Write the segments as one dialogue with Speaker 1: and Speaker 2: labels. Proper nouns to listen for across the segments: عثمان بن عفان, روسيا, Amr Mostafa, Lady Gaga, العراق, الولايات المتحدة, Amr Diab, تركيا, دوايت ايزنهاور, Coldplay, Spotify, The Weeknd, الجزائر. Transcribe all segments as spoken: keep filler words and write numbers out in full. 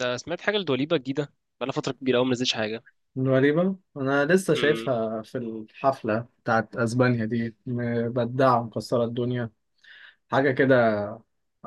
Speaker 1: ده سمعت حاجة لدوليبة جديدة. بقالها فترة كبيرة أوي منزلتش حاجة.
Speaker 2: غريبة، أنا لسه
Speaker 1: امم
Speaker 2: شايفها في الحفلة بتاعت أسبانيا دي، مبدعة ومكسرة الدنيا، حاجة كده،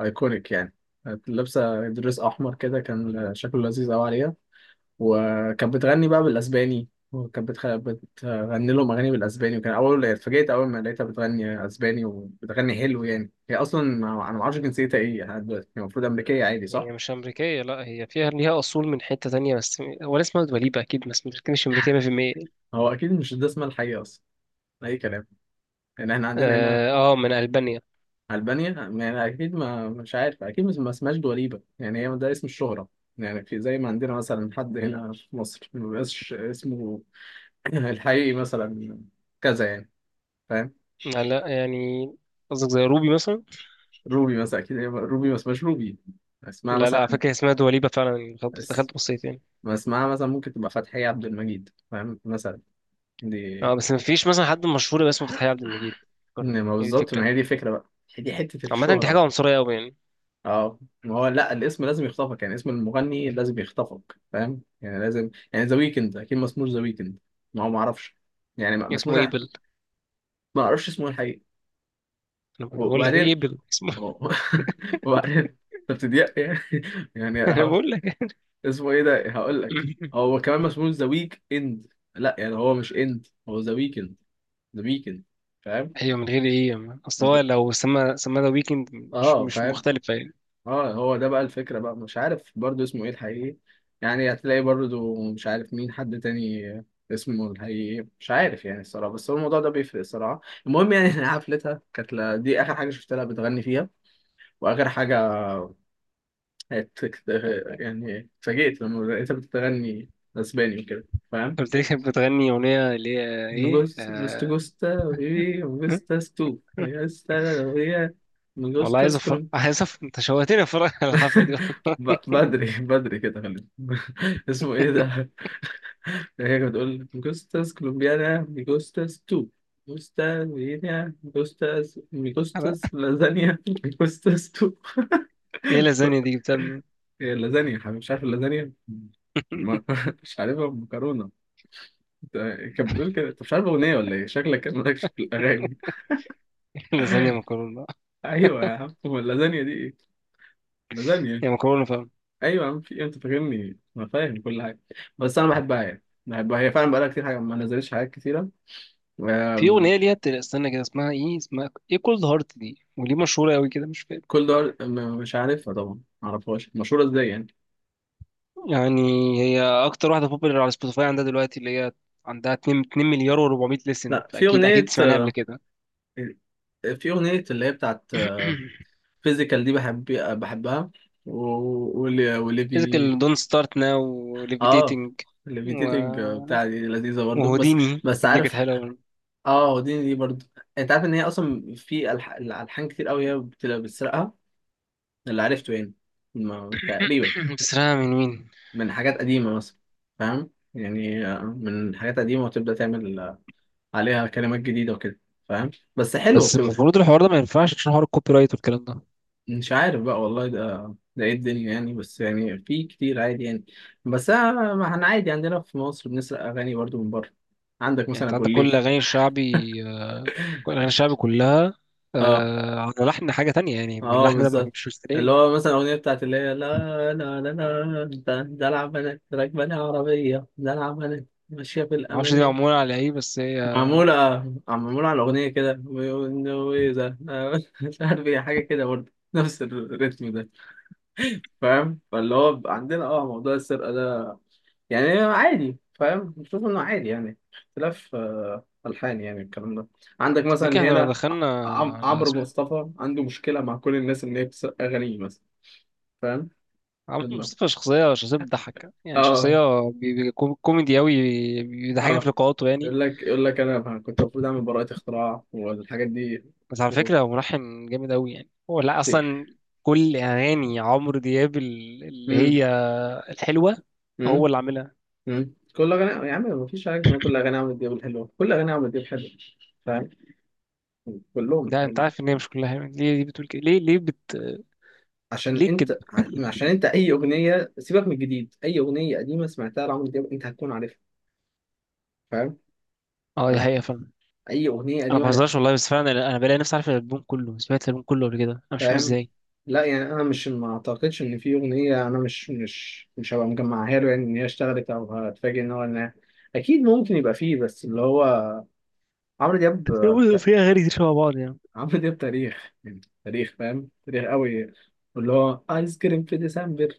Speaker 2: أيكونيك يعني. كانت لابسة دريس أحمر كده كان شكله لذيذ أوي عليها. وكانت بتغني بقى بالأسباني، وكانت بتخ... بتغني لهم أغاني بالأسباني. وكان أول اتفاجئت أول ما لقيتها بتغني أسباني وبتغني حلو. يعني هي أصلا ما- أنا معرفش جنسيتها إيه لحد دلوقتي. هي المفروض أمريكية عادي، صح؟
Speaker 1: هي مش أمريكية، لأ، هي فيها ليها أصول من حتة تانية، بس هو اسمها دوليبة أكيد، بس مش مش أمريكية مية في المية.
Speaker 2: هو أكيد مش ده اسمها الحقيقي أصلا، أي كلام. يعني إحنا عندنا هنا.
Speaker 1: آه, آه، من ألبانيا.
Speaker 2: ألبانيا، يعني أكيد، ما مش عارف، أكيد مش- ما اسمهاش دواليبة، يعني هي ده اسم الشهرة. يعني في زي ما عندنا مثلا حد هنا في مصر ما بيبقاش اسمه الحقيقي مثلا كذا يعني، فاهم.
Speaker 1: لا لا، يعني قصدك زي روبي مثلا.
Speaker 2: روبي مثلا، أكيد هي روبي ما اسمهاش روبي، اسمها
Speaker 1: لا لا، على
Speaker 2: مثلا
Speaker 1: فكرة اسمها دوليبة فعلا، يعني دخلت
Speaker 2: اس...
Speaker 1: دخلت بصيت يعني.
Speaker 2: ما اسمها مثلا ممكن تبقى فتحية عبد المجيد، فاهم، مثلا دي.
Speaker 1: اه، بس مفيش مثلا حد مشهور باسمه فتحي عبد المجيد. فكرني،
Speaker 2: إن ما
Speaker 1: هي دي
Speaker 2: بالظبط، ما
Speaker 1: الفكرة.
Speaker 2: هي دي فكرة بقى، هي دي حتة
Speaker 1: عامة دي
Speaker 2: الشهرة.
Speaker 1: حاجة عنصرية أوي يعني.
Speaker 2: اه، ما هو لا، الاسم لازم يخطفك، يعني اسم المغني لازم يخطفك فاهم، يعني لازم يعني، ذا ويكند اكيد ما اسموش ذا ويكند، ما هو ما اعرفش، يعني ما ما اسموش.
Speaker 1: اسمه إيبل.
Speaker 2: ما اعرفش اسمه الحقيقي.
Speaker 1: أنا بقول لك إيه،
Speaker 2: وبعدين،
Speaker 1: إيبل اسمه.
Speaker 2: أوه. وبعدين انت بتضيق يعني. يعني
Speaker 1: أنا
Speaker 2: هقول-
Speaker 1: بقول لك.
Speaker 2: اسمه ايه ده، هقول لك. هو كمان ما اسموش ذا ويك اند، لا يعني هو مش اند، هو ذا ويكند، ذا ويكند، فاهم.
Speaker 1: ايوه، من غير ايه ما- اصل هو لو سما سما ذا ويكند مش
Speaker 2: اه،
Speaker 1: مش
Speaker 2: فاهم.
Speaker 1: مختلفه يعني.
Speaker 2: اه، هو ده بقى الفكرة بقى، مش عارف برضو اسمه ايه الحقيقي. يعني هتلاقي برضو مش عارف مين حد تاني اسمه الحقيقي، مش عارف يعني الصراحة، بس هو الموضوع ده بيفرق الصراحة. المهم يعني، إن حفلتها كانت ل- دي آخر حاجة شفت لها بتغني فيها، وآخر حاجة ات- يعني اتفاجئت لما لقيتها بتغني أسباني وكده، فاهم؟
Speaker 1: انت قلت لي كانت بتغني اغنيه، اللي هي ايه؟
Speaker 2: مجوس مست
Speaker 1: آه...
Speaker 2: جوستا بيبي جوستا ستو جوستا لويا.
Speaker 1: والله، عايز أفر... عايز أفر... انت شوهتني اتفرج على الحفله دي.
Speaker 2: ب- بدري بدري كده خلينا. اسمه ايه ده؟ هي كانت بتقول جوستاس كولومبيانا ميجوستاس تو جوستاس فيينا جوستاس
Speaker 1: والله.
Speaker 2: ميجوستاس لازانيا ميجوستاس تو.
Speaker 1: ايه اللازانيا دي جبتها منين؟
Speaker 2: هي اللازانيا حبيبي، مش عارف اللازانيا ما- مش عارفها، مكرونة. أنت- كانت بتقول كده، انت مش عارف اغنية ولا ايه؟ شكلك كان مالكش في الاغاني.
Speaker 1: لازانيا مكرونه بقى.
Speaker 2: ايوه يا عم، هو اللازانيا دي ايه؟ لازانيا.
Speaker 1: يا مكرونه، فاهم.
Speaker 2: ايوه يا عم، في إيه؟ انت فاكرني انا فاهم كل حاجه، بس انا بحبها يعني. بحبها، هي فعلا بقالها كتير حاجه ما نزلتش حاجات كتيره.
Speaker 1: في
Speaker 2: آم،
Speaker 1: اغنيه ليها بت- استنى كده، اسمها ايه؟ اسمها ايه؟ كولد هارت دي، وليه مشهوره قوي كده مش فاهم
Speaker 2: كل دول م- مش عارفها طبعا، ما اعرفهاش مشهوره ازاي يعني.
Speaker 1: يعني. هي اكتر واحده بوبولار على سبوتيفاي عندها دلوقتي، اللي هي عندها اتنين اتنين مليار و400 لسن،
Speaker 2: لا، في
Speaker 1: فاكيد اكيد
Speaker 2: اغنيه،
Speaker 1: سمعناها قبل كده.
Speaker 2: آه، في اغنيه اللي هي بتاعت فيزيكال دي، بحب بحبها. و- واللي واللي بي
Speaker 1: فيزيكال، دون ستارت ناو،
Speaker 2: اه،
Speaker 1: وليفيتيتنج، و...
Speaker 2: الليفيتيتنج بتاع دي لذيذه برضو. بس
Speaker 1: وهوديني،
Speaker 2: بس
Speaker 1: هوديني
Speaker 2: عارف،
Speaker 1: كانت حلوه برضه.
Speaker 2: اه، دي دي برضو. انت عارف ان هي اصلا في ألح- الالحان كتير قوي هي بتبقى بتسرقها، اللي عرفته يعني، ما تقريبا
Speaker 1: بتسرقها من مين؟
Speaker 2: من حاجات قديمة مثلا. فاهم يعني، آه، من حاجات قديمة وتبدأ تعمل آه، عليها كلمات جديدة وكده، فاهم، بس حلوة
Speaker 1: بس
Speaker 2: بتبقى.
Speaker 1: المفروض الحوار ده ما ينفعش عشان حوار الكوبي رايت والكلام ده.
Speaker 2: مش عارف بقى والله، ده ده ايه الدنيا يعني، بس يعني في كتير عادي يعني. بس آه، ما احنا عادي عندنا في مصر بنسرق أغاني برضو من بره. عندك
Speaker 1: يعني
Speaker 2: مثلا
Speaker 1: انت
Speaker 2: أبو
Speaker 1: عندك كل
Speaker 2: الليف.
Speaker 1: الاغاني الشعبي، آه، كل الاغاني الشعبي كلها،
Speaker 2: اه،
Speaker 1: آه، على لحن حاجه تانية، يعني من
Speaker 2: اه،
Speaker 1: اللحن ده ما
Speaker 2: بالظبط.
Speaker 1: كانش
Speaker 2: اللي
Speaker 1: مستلقينه يعني.
Speaker 2: هو مثلا الأغنية بتاعت اللي هي لا لا لا لا ده ده العب بنات راكبة لي عربية ده العب بنات ماشية في
Speaker 1: ما اعرفش دي
Speaker 2: الأمان.
Speaker 1: معموله على ايه، بس هي...
Speaker 2: معمولة معمولة على الأغنية كده، وإذا آه، مش عارف إيه، حاجة كده برضه نفس الريتم ده، فاهم. فاللي هو بيبقى عندنا اه موضوع السرقة ده يعني عادي، فاهم، بشوف إنه عادي يعني، اختلاف آه، ألحان يعني الكلام ده. عندك مثلا
Speaker 1: تفتكر احنا لو
Speaker 2: هنا
Speaker 1: دخلنا
Speaker 2: عم-
Speaker 1: على
Speaker 2: عمرو
Speaker 1: اسم-
Speaker 2: مصطفى عنده مشكلة مع كل الناس إن هي بتسرق أغانيه مثلا، فاهم؟
Speaker 1: عمرو
Speaker 2: إنه-
Speaker 1: مصطفى، شخصية، شخصية بتضحك يعني،
Speaker 2: اه،
Speaker 1: شخصية بي- بي- كو- كوميدي أوي، بيضحكني
Speaker 2: اه،
Speaker 1: في لقاءاته يعني.
Speaker 2: يقول لك يقول لك أنا كنت المفروض أعمل براءة اختراع والحاجات دي.
Speaker 1: بس على
Speaker 2: و...
Speaker 1: فكرة هو ملحن جامد أوي يعني، هو لا، أصلا كل أغاني عمرو دياب ال- اللي هي الحلوة
Speaker 2: امم
Speaker 1: هو اللي عاملها.
Speaker 2: مم. كل اغاني يا عم مفيش حاجه اسمها كل اغاني عمرو دياب الحلوه، كل اغاني عمرو دياب حلوه، فاهم، كلهم
Speaker 1: ده أنت
Speaker 2: حلو.
Speaker 1: عارف إن هي مش كلها يعني. ليه، ليه بتقول كده؟ ليه ليه بت
Speaker 2: عشان
Speaker 1: ليه كده؟
Speaker 2: انت عشان انت اي اغنيه سيبك من الجديد، اي اغنيه قديمه سمعتها لعمرو دياب انت هتكون عارفها، فاهم.
Speaker 1: أه، دي
Speaker 2: هت-
Speaker 1: حقيقة فعلا.
Speaker 2: اي اغنيه
Speaker 1: أنا ما
Speaker 2: قديمه هت-
Speaker 1: بهزرش والله، بس فعلا أنا أنا بلاقي نفسي عارف الألبوم كله، سمعت الألبوم كله قبل كده، أنا مش فاهم
Speaker 2: فاهم.
Speaker 1: إزاي.
Speaker 2: لا يعني انا مش، ما اعتقدش ان في اغنيه انا مش مش مش هبقى مجمعها له، يعني ان هي اشتغلت او هتفاجئ ان هو انها، اكيد ممكن يبقى فيه، بس اللي هو عمرو دياب
Speaker 1: هو في أغاني كتير شبه بعض يعني.
Speaker 2: عمرو دياب تاريخ، يعني تاريخ، فاهم، تاريخ قوي. واللي هو ايس كريم في ديسمبر،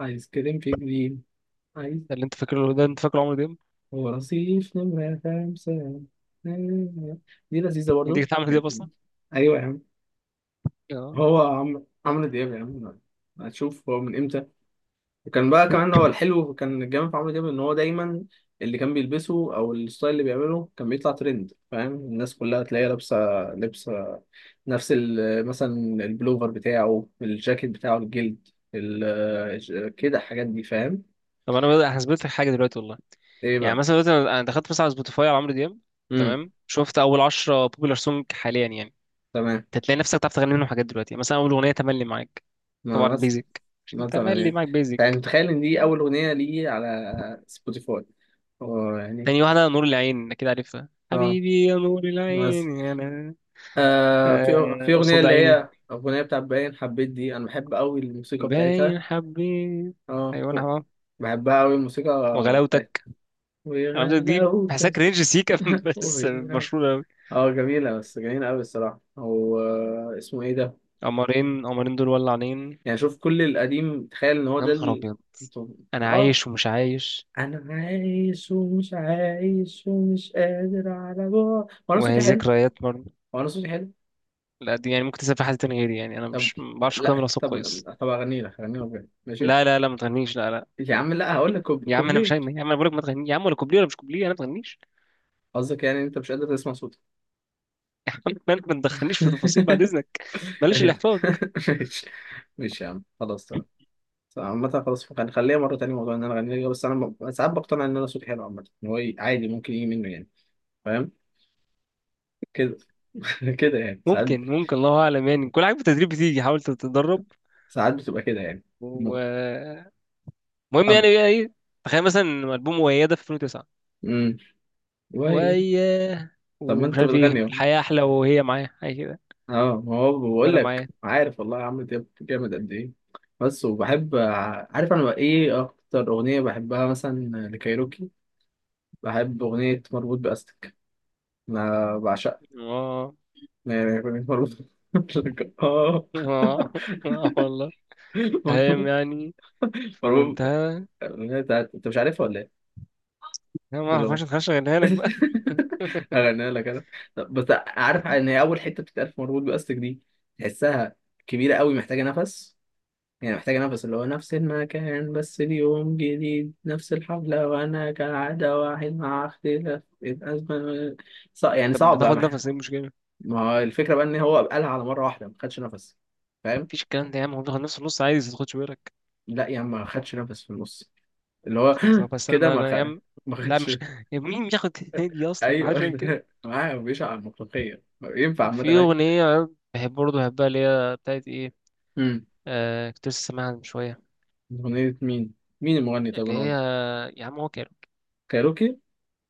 Speaker 2: ايس كريم في جليم، ايس
Speaker 1: ده اللي أنت فاكره، ده أنت فاكره عمرو دياب.
Speaker 2: هو رصيف نمرة خمسة دي لذيذة
Speaker 1: أنت
Speaker 2: برضو.
Speaker 1: كنت عامل دياب أصلا؟
Speaker 2: ايوه يا عم،
Speaker 1: أه.
Speaker 2: هو عم- عمرو دياب يا عم، هتشوف هو من امتى. وكان بقى كمان، هو الحلو كان الجامد في عمرو دياب ان هو دايما اللي كان بيلبسه او الستايل اللي بيعمله كان بيطلع ترند، فاهم، الناس كلها تلاقيها لابسه لبسه نفس ال- مثلا البلوفر بتاعه، الجاكيت بتاعه الجلد، ال- ج- كده، الحاجات دي فاهم.
Speaker 1: طب أنا بدأ هثبت لك حاجة دلوقتي والله.
Speaker 2: ايه
Speaker 1: يعني
Speaker 2: بقى.
Speaker 1: مثلا دلوقتي أنا أنا دخلت مثلا على سبوتيفاي على عمرو دياب.
Speaker 2: امم
Speaker 1: تمام، شفت أول عشرة بوبولار سونج حاليا يعني.
Speaker 2: تمام.
Speaker 1: انت تلاقي نفسك بتعرف تغني منهم حاجات دلوقتي. مثلا اول اغنيه تملي معاك. طبعا
Speaker 2: ما بس
Speaker 1: بيزك.
Speaker 2: مثلا
Speaker 1: تملي
Speaker 2: يعني،
Speaker 1: معاك،
Speaker 2: يعني
Speaker 1: بيزك.
Speaker 2: متخيل ان دي اول اغنيه لي على سبوتيفاي. هو يعني
Speaker 1: تاني واحده نور العين، اكيد عارفها،
Speaker 2: اه،
Speaker 1: حبيبي يا نور
Speaker 2: بس
Speaker 1: العين، يا انا،
Speaker 2: آه في
Speaker 1: آه،
Speaker 2: في اغنيه
Speaker 1: قصاد
Speaker 2: اللي هي
Speaker 1: عيني.
Speaker 2: اغنيه بتاعت باين حبيت دي، انا بحب قوي الموسيقى بتاعتها.
Speaker 1: باين حبيت.
Speaker 2: اه،
Speaker 1: ايوه انا هبقى.
Speaker 2: بحبها قوي الموسيقى بتاعتها،
Speaker 1: وغلاوتك. انا عارف دي بحسها
Speaker 2: وغلاوتك.
Speaker 1: كرينج سيكا، بس مشهوره قوي.
Speaker 2: اه، جميلة، بس جميلة أوي الصراحة. هو آه، اسمه إيه ده؟
Speaker 1: قمرين، قمرين دول ولعانين.
Speaker 2: يعني شوف كل القديم، تخيل إن هو
Speaker 1: يا
Speaker 2: ده
Speaker 1: نهار
Speaker 2: ال...
Speaker 1: ابيض. انا
Speaker 2: آه،
Speaker 1: عايش ومش عايش.
Speaker 2: أنا عايش ومش عايش ومش قادر على بعض. هو أنا
Speaker 1: وهي
Speaker 2: صوتي حلو؟
Speaker 1: ذكريات برضه.
Speaker 2: هو أنا صوتي حلو؟
Speaker 1: لا، دي يعني ممكن تسافر حد تاني غيري يعني، انا
Speaker 2: طب،
Speaker 1: مش، ما بعرفش اقيم
Speaker 2: لا
Speaker 1: الاصوات
Speaker 2: طب،
Speaker 1: كويس.
Speaker 2: طب أغني لك أغني لك بجد ماشي؟
Speaker 1: لا لا لا، ما تغنيش، لا لا
Speaker 2: يا
Speaker 1: لا.
Speaker 2: عم لا هقول لك كوب...
Speaker 1: يا عم انا مش
Speaker 2: كوبليه.
Speaker 1: هغني، يا عم انا بقولك ما تغنيش يا عم، ولا كوبليه ولا مش كوبليه، انا ما تغنيش.
Speaker 2: قصدك يعني أنت مش قادر تسمع صوتك؟
Speaker 1: مالك، ما تدخلنيش في تفاصيل بعد اذنك. بلاش
Speaker 2: ماشي،
Speaker 1: الاحراج.
Speaker 2: ماشي، ماشي يا عم، خلاص تمام. عامة خلاص فوق يعني، خليها مرة تانية موضوع إن أنا أغني لك. بس أنا ب- ساعات بقتنع إن أنا صوتي حلو عامة، إن هو ي- عادي ممكن يجي منه يعني، فاهم كده. كده يعني ساعات
Speaker 1: ممكن ممكن الله اعلم يعني، كل حاجه بالتدريب بتيجي، حاول تتدرب
Speaker 2: ساعات بتبقى كده يعني. م-
Speaker 1: ومهم.
Speaker 2: فاهم.
Speaker 1: يعني بقى ايه؟ تخيل مثلا البوم وياده في الفين وتسعة،
Speaker 2: امم وي.
Speaker 1: وياه،
Speaker 2: طب ما
Speaker 1: ومش
Speaker 2: أنت
Speaker 1: عارف ايه،
Speaker 2: بتغني أهو.
Speaker 1: الحياه احلى، وهي معايا، حاجه كده،
Speaker 2: أه، ما هو بقول
Speaker 1: وانا
Speaker 2: لك،
Speaker 1: معايا.
Speaker 2: عارف والله عمرو دياب جامد قد إيه، بس. وبحب ع- عارف أنا بقى إيه أكتر أغنية بحبها مثلا لكايروكي، بحب أغنية مربوط بأستك، أنا بعشقها.
Speaker 1: اه،
Speaker 2: يعني أغنية مربوط، آه.
Speaker 1: اه، اه والله. تمام يعني، في
Speaker 2: مربوط،
Speaker 1: منتهى.
Speaker 2: الأغنية بتاعت، أنت مش عارفها ولا إيه؟
Speaker 1: انا ما
Speaker 2: اللي هو
Speaker 1: اعرفش، اتخش اغنيها لك بقى.
Speaker 2: أغنيها لك أنا. طب بس عارف إن هي أول حتة بتتقال في مربوط بأستك دي تحسها كبيرة قوي محتاجة نفس، يعني محتاجة نفس، اللي هو نفس المكان بس اليوم جديد، نفس الحفلة وأنا كالعادة واحد مع اختلاف الأزمة، ص... يعني
Speaker 1: طب
Speaker 2: صعب بقى
Speaker 1: بتاخد
Speaker 2: مح-
Speaker 1: نفس، ايه المشكله؟
Speaker 2: ما هو الفكرة بقى إن هو قالها على مرة واحدة ما خدش نفس، فاهم؟
Speaker 1: مفيش الكلام ده يا عم، هو بياخد نفس النص عادي، ما تاخدش بالك.
Speaker 2: لا يعني ما خدش نفس في النص اللي هو
Speaker 1: خلاص، بس
Speaker 2: كده
Speaker 1: انا
Speaker 2: ما
Speaker 1: انا يا
Speaker 2: خد
Speaker 1: عم.
Speaker 2: ما
Speaker 1: لا
Speaker 2: خدش.
Speaker 1: مش... يا مين بياخد هدية اصلا؟ ما حدش
Speaker 2: ايوه،
Speaker 1: بيعمل كده.
Speaker 2: معاه بيشعر على المطلقية ينفع عامة،
Speaker 1: في
Speaker 2: أيوة.
Speaker 1: اغنيه بحب برضه بحبها، اللي هي بتاعت ايه؟
Speaker 2: امم
Speaker 1: آه كنت لسه سامعها من شويه.
Speaker 2: أغنية مين؟ مين المغني طيب
Speaker 1: اللي
Speaker 2: أنا
Speaker 1: هي،
Speaker 2: قلت،
Speaker 1: يا عم هو كان،
Speaker 2: كايروكي؟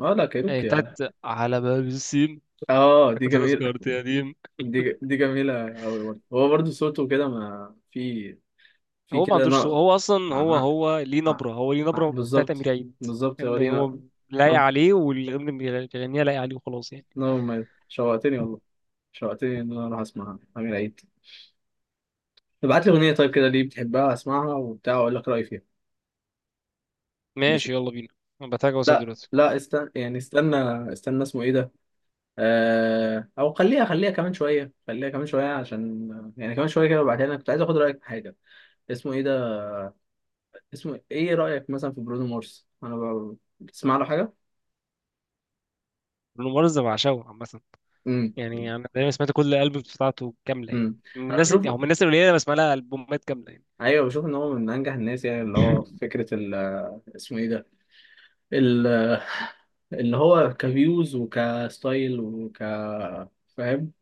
Speaker 2: اه، لا
Speaker 1: آه،
Speaker 2: كايروكي، اه.
Speaker 1: بتاعت على باب السين.
Speaker 2: آه، دي جميلة.
Speaker 1: تذكرة، قديم.
Speaker 2: دي ج... دي جميلة أوي برضه، هو برضه صوته كده، ما في في
Speaker 1: هو ما
Speaker 2: كده
Speaker 1: عندوش صوت،
Speaker 2: نقل.
Speaker 1: هو اصلا هو
Speaker 2: آه،
Speaker 1: هو ليه
Speaker 2: آه،
Speaker 1: نبره، هو ليه
Speaker 2: آه،
Speaker 1: نبره بتاعت
Speaker 2: بالظبط،
Speaker 1: امير عيد.
Speaker 2: بالظبط هو دي
Speaker 1: اما هو
Speaker 2: نقل.
Speaker 1: لايق
Speaker 2: نبض،
Speaker 1: عليه، والأغنية اللي بيغنيها لايق عليه وخلاص يعني.
Speaker 2: نبض مميز. شوقتني والله، شوقتني إن أنا أروح أسمعها، أمير عيد. ابعت لي أغنية طيب كده ليه بتحبها، أسمعها وبتاع وأقول لك رأيي فيها،
Speaker 1: ماشي،
Speaker 2: ماشي.
Speaker 1: يلا بينا. انا بتاعك واساب
Speaker 2: لا
Speaker 1: دلوقتي.
Speaker 2: لا، استنى يعني، استنى استنى اسمه إيه ده؟ آه، او خليها خليها كمان شويه خليها كمان شويه عشان، يعني كمان شويه كده وبعدين انا كنت عايز اخد رايك في حاجه، اسمه ايه ده، اسمه ايه، رايك مثلا في برونو مارس، انا ب... بتسمع له حاجه.
Speaker 1: لونه مرز، بعشقه عامة.
Speaker 2: امم
Speaker 1: يعني انا دايما سمعت كل الالبومز بتاعته كامله يعني،
Speaker 2: امم
Speaker 1: من
Speaker 2: انا
Speaker 1: الناس، او
Speaker 2: بشوف،
Speaker 1: من الناس القليله اللي بسمع لها البومات كامله يعني.
Speaker 2: ايوه بشوف ان هو من انجح الناس يعني، اللي هو فكره ال... اسمه ايه ده، ال... اللي هو كفيوز وكستايل وك فاهم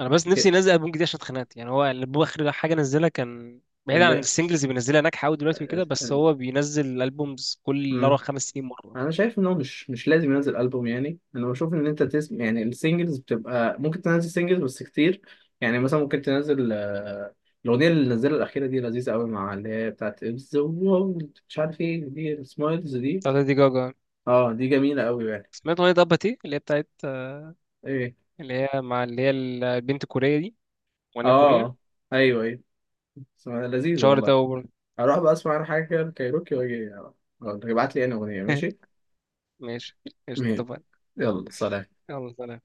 Speaker 1: انا بس نفسي
Speaker 2: كده.
Speaker 1: ينزل البوم جديد عشان اتخنقت يعني، هو الالبوم اخر حاجه نزلها كان بعيد عن السنجلز اللي بينزلها ناجحه قوي دلوقتي وكده، بس
Speaker 2: اللي...
Speaker 1: هو بينزل الالبومز كل اربع خمس سنين مره.
Speaker 2: انا شايف ان هو مش مش لازم ينزل البوم يعني، انا بشوف ان انت تسم يعني السنجلز بتبقى ممكن تنزل سنجلز بس كتير يعني مثلا، ممكن تنزل آه، الاغنيه اللي نزلها الاخيره دي لذيذه قوي، مع اللي هي بتاعت ذا وورلد مش عارف ايه، دي سمايلز دي.
Speaker 1: بتاعت ليدي جاجا.
Speaker 2: اه، دي جميله قوي يعني.
Speaker 1: سمعت اغنيه اباتي اللي هي بتاعت،
Speaker 2: ايه،
Speaker 1: اللي هي مع اللي هي البنت الكوريه دي، اغنيه كوريه.
Speaker 2: اه، ايوه ايوه، اسمها لذيذه
Speaker 1: شهرت
Speaker 2: والله.
Speaker 1: قوي برضه.
Speaker 2: هروح بقى اسمع انا حاجه كده، كايروكي، واجي آه، ابعت لي انا اغنيه، ماشي.
Speaker 1: ماشي، قشطة،
Speaker 2: ماشي.
Speaker 1: اتفقنا.
Speaker 2: يلا، سلام.
Speaker 1: يلا، سلام.